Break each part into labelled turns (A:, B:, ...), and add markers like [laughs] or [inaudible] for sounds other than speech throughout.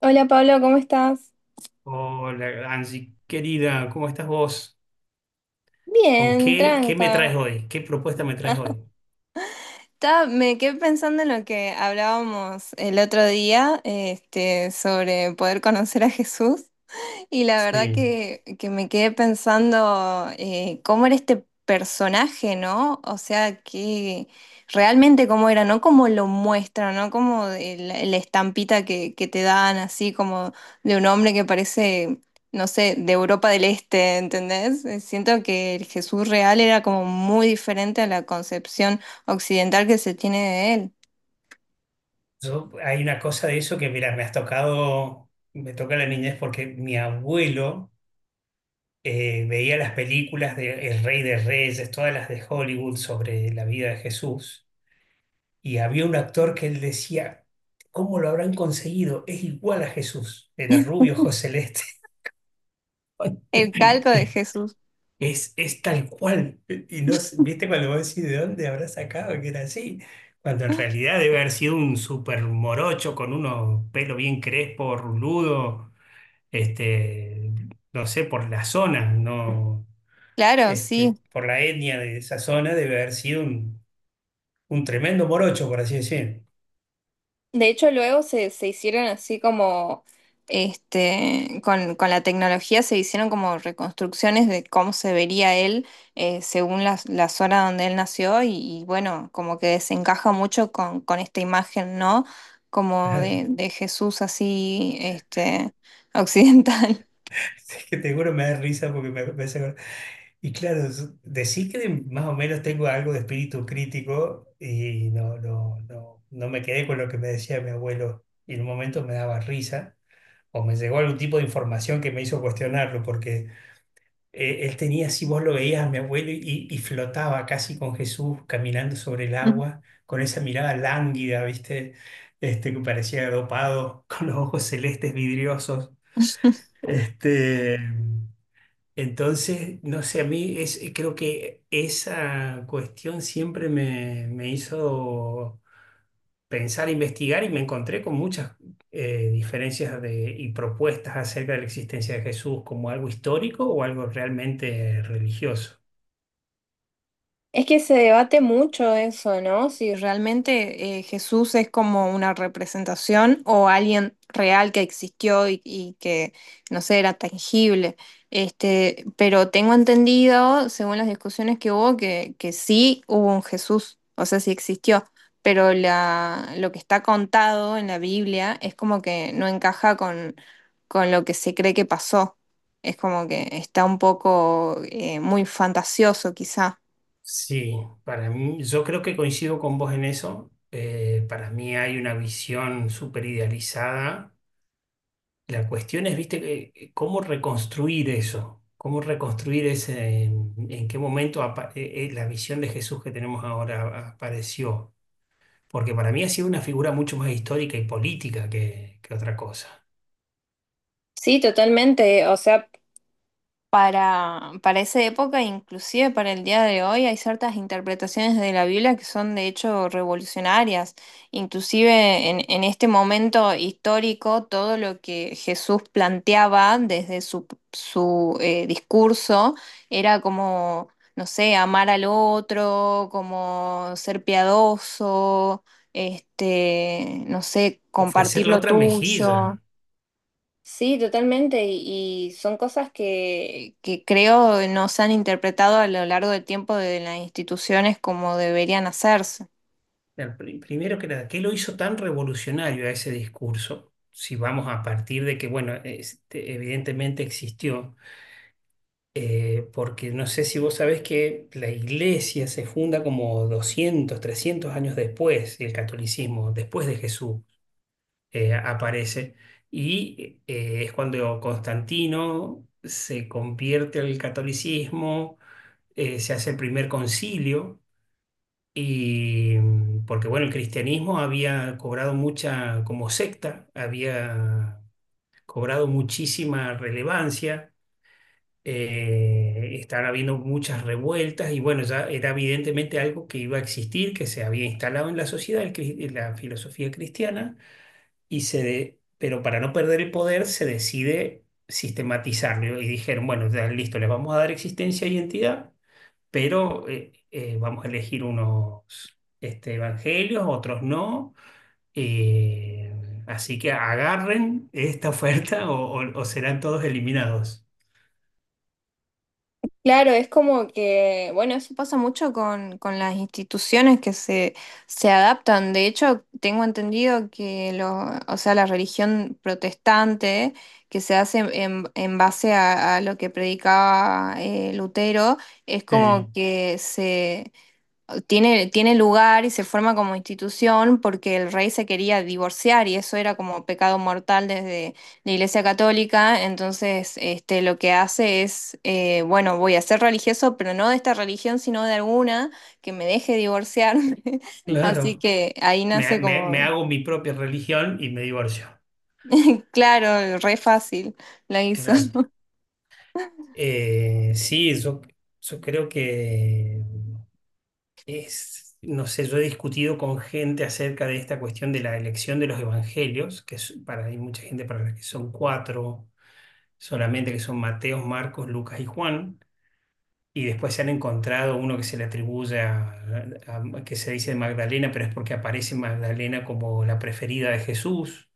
A: Hola Pablo, ¿cómo estás?
B: Hola, Angie, querida, ¿cómo estás vos? ¿Con
A: Bien,
B: qué, qué me
A: tranca.
B: traes hoy? ¿Qué propuesta me traes hoy?
A: Me quedé pensando en lo que hablábamos el otro día, este, sobre poder conocer a Jesús. Y la verdad
B: Sí.
A: que me quedé pensando cómo era este personaje, ¿no? O sea, que realmente cómo era, no como lo muestran, ¿no? Como la estampita que te dan, así como de un hombre que parece, no sé, de Europa del Este, ¿entendés? Siento que el Jesús real era como muy diferente a la concepción occidental que se tiene de él.
B: Hay una cosa de eso que, mira, me toca la niñez porque mi abuelo veía las películas de El Rey de Reyes, todas las de Hollywood sobre la vida de Jesús, y había un actor que él decía, ¿cómo lo habrán conseguido? Es igual a Jesús, era rubio, ojos celeste.
A: El calco de
B: [laughs]
A: Jesús.
B: Es tal cual. Y no, viste cuando vos decís de dónde habrá sacado que era así, cuando en realidad debe haber sido un súper morocho con unos pelos bien crespos, ruludo, este, no sé, por la zona, no,
A: Claro, sí.
B: por la etnia de esa zona debe haber sido un tremendo morocho, por así decir.
A: De hecho, luego se hicieron así como, este, con la tecnología se hicieron como reconstrucciones de cómo se vería él según la zona donde él nació y bueno, como que desencaja mucho con esta imagen, ¿no? Como de Jesús así, este, occidental.
B: [laughs] Es que te juro me da risa porque me hace acordar. Y claro, decís que más o menos tengo algo de espíritu crítico y no me quedé con lo que me decía mi abuelo y en un momento me daba risa o me llegó algún tipo de información que me hizo cuestionarlo porque él tenía, si vos lo veías a mi abuelo y flotaba casi con Jesús caminando sobre el agua
A: [laughs]
B: con esa mirada lánguida, ¿viste? Que parecía dopado [laughs] con los ojos celestes vidriosos. Este, entonces, no sé, a mí es, creo que esa cuestión siempre me hizo pensar, investigar y me encontré con muchas diferencias de, y propuestas acerca de la existencia de Jesús como algo histórico o algo realmente religioso.
A: Es que se debate mucho eso, ¿no? Si realmente Jesús es como una representación o alguien real que existió y que, no sé, era tangible. Este, pero tengo entendido, según las discusiones que hubo, que sí hubo un Jesús, o sea, sí existió. Pero lo que está contado en la Biblia es como que no encaja con lo que se cree que pasó. Es como que está un poco muy fantasioso, quizá.
B: Sí, para mí, yo creo que coincido con vos en eso. Para mí hay una visión súper idealizada. La cuestión es, viste, cómo reconstruir eso, cómo reconstruir ese, en qué momento la visión de Jesús que tenemos ahora apareció. Porque para mí ha sido una figura mucho más histórica y política que otra cosa.
A: Sí, totalmente. O sea, para esa época, inclusive para el día de hoy, hay ciertas interpretaciones de la Biblia que son de hecho revolucionarias. Inclusive en este momento histórico, todo lo que Jesús planteaba desde su, su discurso era como, no sé, amar al otro, como ser piadoso, este, no sé,
B: Ofrecer
A: compartir
B: la
A: lo
B: otra
A: tuyo.
B: mejilla.
A: Sí, totalmente. Y son cosas que creo no se han interpretado a lo largo del tiempo de las instituciones como deberían hacerse.
B: Primero que nada, ¿qué lo hizo tan revolucionario a ese discurso? Si vamos a partir de que, bueno, este, evidentemente existió porque no sé si vos sabés que la iglesia se funda como 200, 300 años después, el catolicismo, después de Jesús, aparece. Y es cuando Constantino se convierte al catolicismo, se hace el primer concilio, y porque bueno, el cristianismo había cobrado mucha, como secta, había cobrado muchísima relevancia. Estaban habiendo muchas revueltas y bueno, ya era evidentemente algo que iba a existir, que se había instalado en la sociedad, la filosofía cristiana, y pero para no perder el poder se decide sistematizarlo y dijeron, bueno, ya listo, les vamos a dar existencia e identidad, pero vamos a elegir unos este, evangelios, otros no. eh, Así que agarren esta oferta o serán todos eliminados.
A: Claro, es como que, bueno, eso pasa mucho con las instituciones se adaptan. De hecho, tengo entendido que lo, o sea, la religión protestante que se hace en base a lo que predicaba Lutero, es
B: Sí,
A: como que tiene lugar y se forma como institución porque el rey se quería divorciar y eso era como pecado mortal desde la Iglesia Católica. Entonces, este, lo que hace es, bueno, voy a ser religioso, pero no de esta religión, sino de alguna que me deje divorciarme. [laughs] Así
B: claro.
A: que ahí nace
B: Me
A: como,
B: hago mi propia religión y me divorcio.
A: [laughs] claro, re fácil la hizo.
B: Claro.
A: [laughs]
B: Sí, yo creo que es, no sé, yo he discutido con gente acerca de esta cuestión de la elección de los evangelios, para, hay mucha gente para la que son cuatro solamente, que son Mateo, Marcos, Lucas y Juan, y después se han encontrado uno que se le atribuye que se dice Magdalena, pero es porque aparece Magdalena como la preferida de Jesús.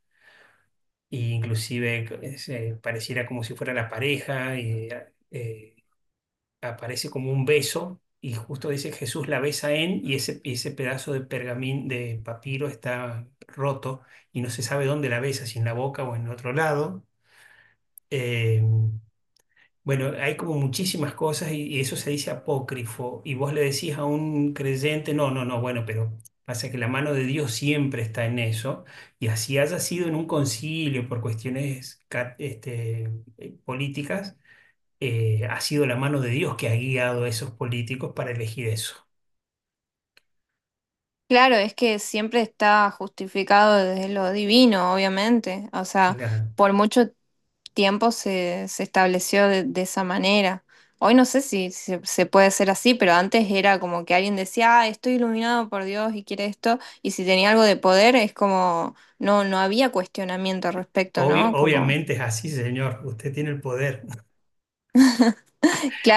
B: Y inclusive pareciera como si fuera la pareja, y eh, aparece como un beso, y justo dice Jesús la besa en, y y ese pedazo de pergamín, de papiro está roto, y no se sabe dónde la besa, si en la boca o en otro lado. Eh, bueno, hay como muchísimas cosas y eso se dice apócrifo. Y vos le decís a un creyente, no, no, no, bueno, pero pasa que la mano de Dios siempre está en eso. Y así haya sido en un concilio por cuestiones políticas, ha sido la mano de Dios que ha guiado a esos políticos para elegir eso.
A: Claro, es que siempre está justificado desde lo divino, obviamente. O sea,
B: Claro.
A: por mucho tiempo se estableció de esa manera. Hoy no sé si se puede hacer así, pero antes era como que alguien decía, ah, estoy iluminado por Dios y quiere esto, y si tenía algo de poder, es como, no, no había cuestionamiento al respecto, ¿no?
B: Obvio,
A: Como,
B: obviamente es así, señor. Usted tiene el poder. [laughs]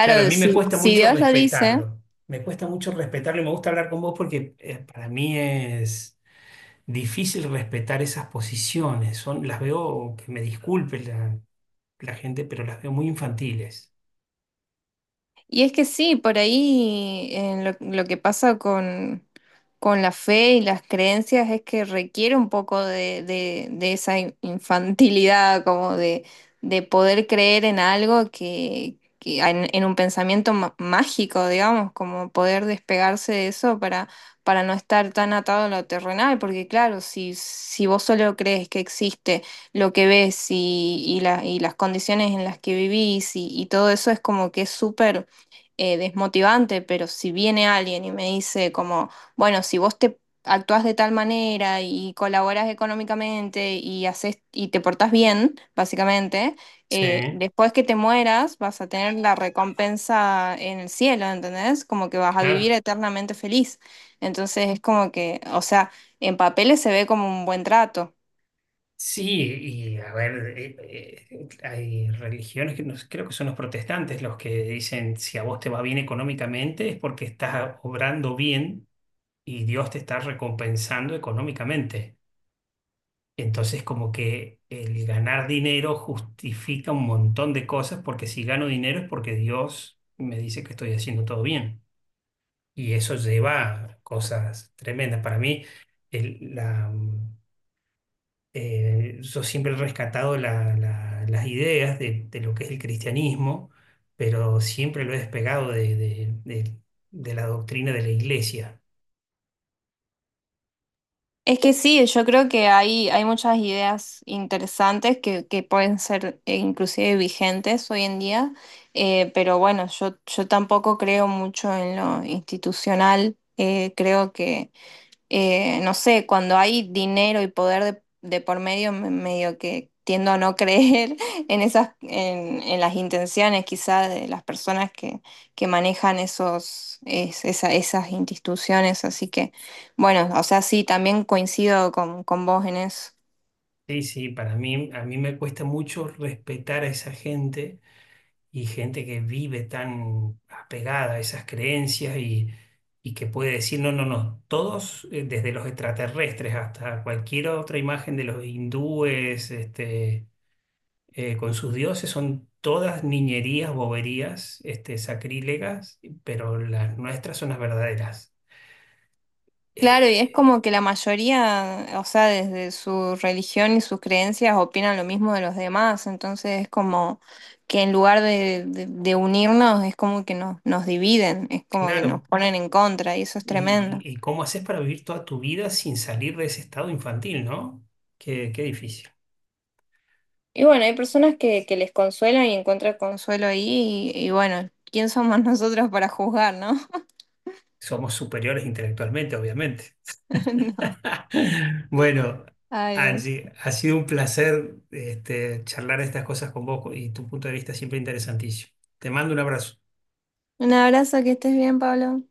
B: Claro, a mí me cuesta
A: si
B: mucho
A: Dios lo dice.
B: respetarlo. Me cuesta mucho respetarlo y me gusta hablar con vos porque para mí es difícil respetar esas posiciones. Son, las veo, que me disculpe la gente, pero las veo muy infantiles.
A: Y es que sí, por ahí en lo que pasa con la fe y las creencias es que requiere un poco de, de esa infantilidad, como de poder creer en algo que en un pensamiento mágico, digamos, como poder despegarse de eso para no estar tan atado a lo terrenal, porque claro, si vos solo crees que existe lo que ves y, y las condiciones en las que vivís y todo eso es como que es súper desmotivante, pero si viene alguien y me dice como, bueno, si vos te actúas de tal manera y colaboras económicamente y haces y te portás bien, básicamente,
B: Sí,
A: después que te mueras vas a tener la recompensa en el cielo, ¿entendés? Como que vas a vivir
B: claro.
A: eternamente feliz. Entonces es como que, o sea, en papeles se ve como un buen trato.
B: Sí, y a ver, hay religiones que creo que son los protestantes los que dicen si a vos te va bien económicamente es porque estás obrando bien y Dios te está recompensando económicamente. Entonces, como que el ganar dinero justifica un montón de cosas, porque si gano dinero es porque Dios me dice que estoy haciendo todo bien. Y eso lleva a cosas tremendas. Para mí, el- la, mm, yo siempre he rescatado las ideas de lo que es el cristianismo, pero siempre lo he despegado de la doctrina de la iglesia.
A: Es que sí, yo creo que hay muchas ideas interesantes que pueden ser inclusive vigentes hoy en día, pero bueno, yo tampoco creo mucho en lo institucional, creo que no sé, cuando hay dinero y poder de por medio, medio que tiendo a no [laughs] creer en esas, en las intenciones quizá de las personas que manejan esos, esas instituciones. Así que, bueno, o sea, sí, también coincido con vos en eso.
B: Sí, sí, para mí, a mí me cuesta mucho respetar a esa gente y gente que vive tan apegada a esas creencias y que puede decir, no, no, no, todos, desde los extraterrestres hasta cualquier otra imagen de los hindúes, con sus dioses, son todas niñerías, boberías, sacrílegas, pero las nuestras son las verdaderas.
A: Claro, y es
B: Eh,
A: como que la mayoría, o sea, desde su religión y sus creencias opinan lo mismo de los demás, entonces es como que en lugar de, de unirnos es como que nos dividen, es como que nos
B: claro.
A: ponen en contra y eso es tremendo.
B: Y cómo haces para vivir toda tu vida sin salir de ese estado infantil, ¿no? Qué difícil.
A: Y bueno, hay personas que les consuelan y encuentran consuelo ahí y bueno, ¿quién somos [laughs] nosotros para juzgar, no?
B: Somos superiores intelectualmente, obviamente.
A: [laughs] No.
B: [laughs] Bueno,
A: Adiós.
B: Angie, ha sido un placer charlar estas cosas con vos y tu punto de vista siempre interesantísimo. Te mando un abrazo.
A: Un abrazo, que estés bien, Pablo.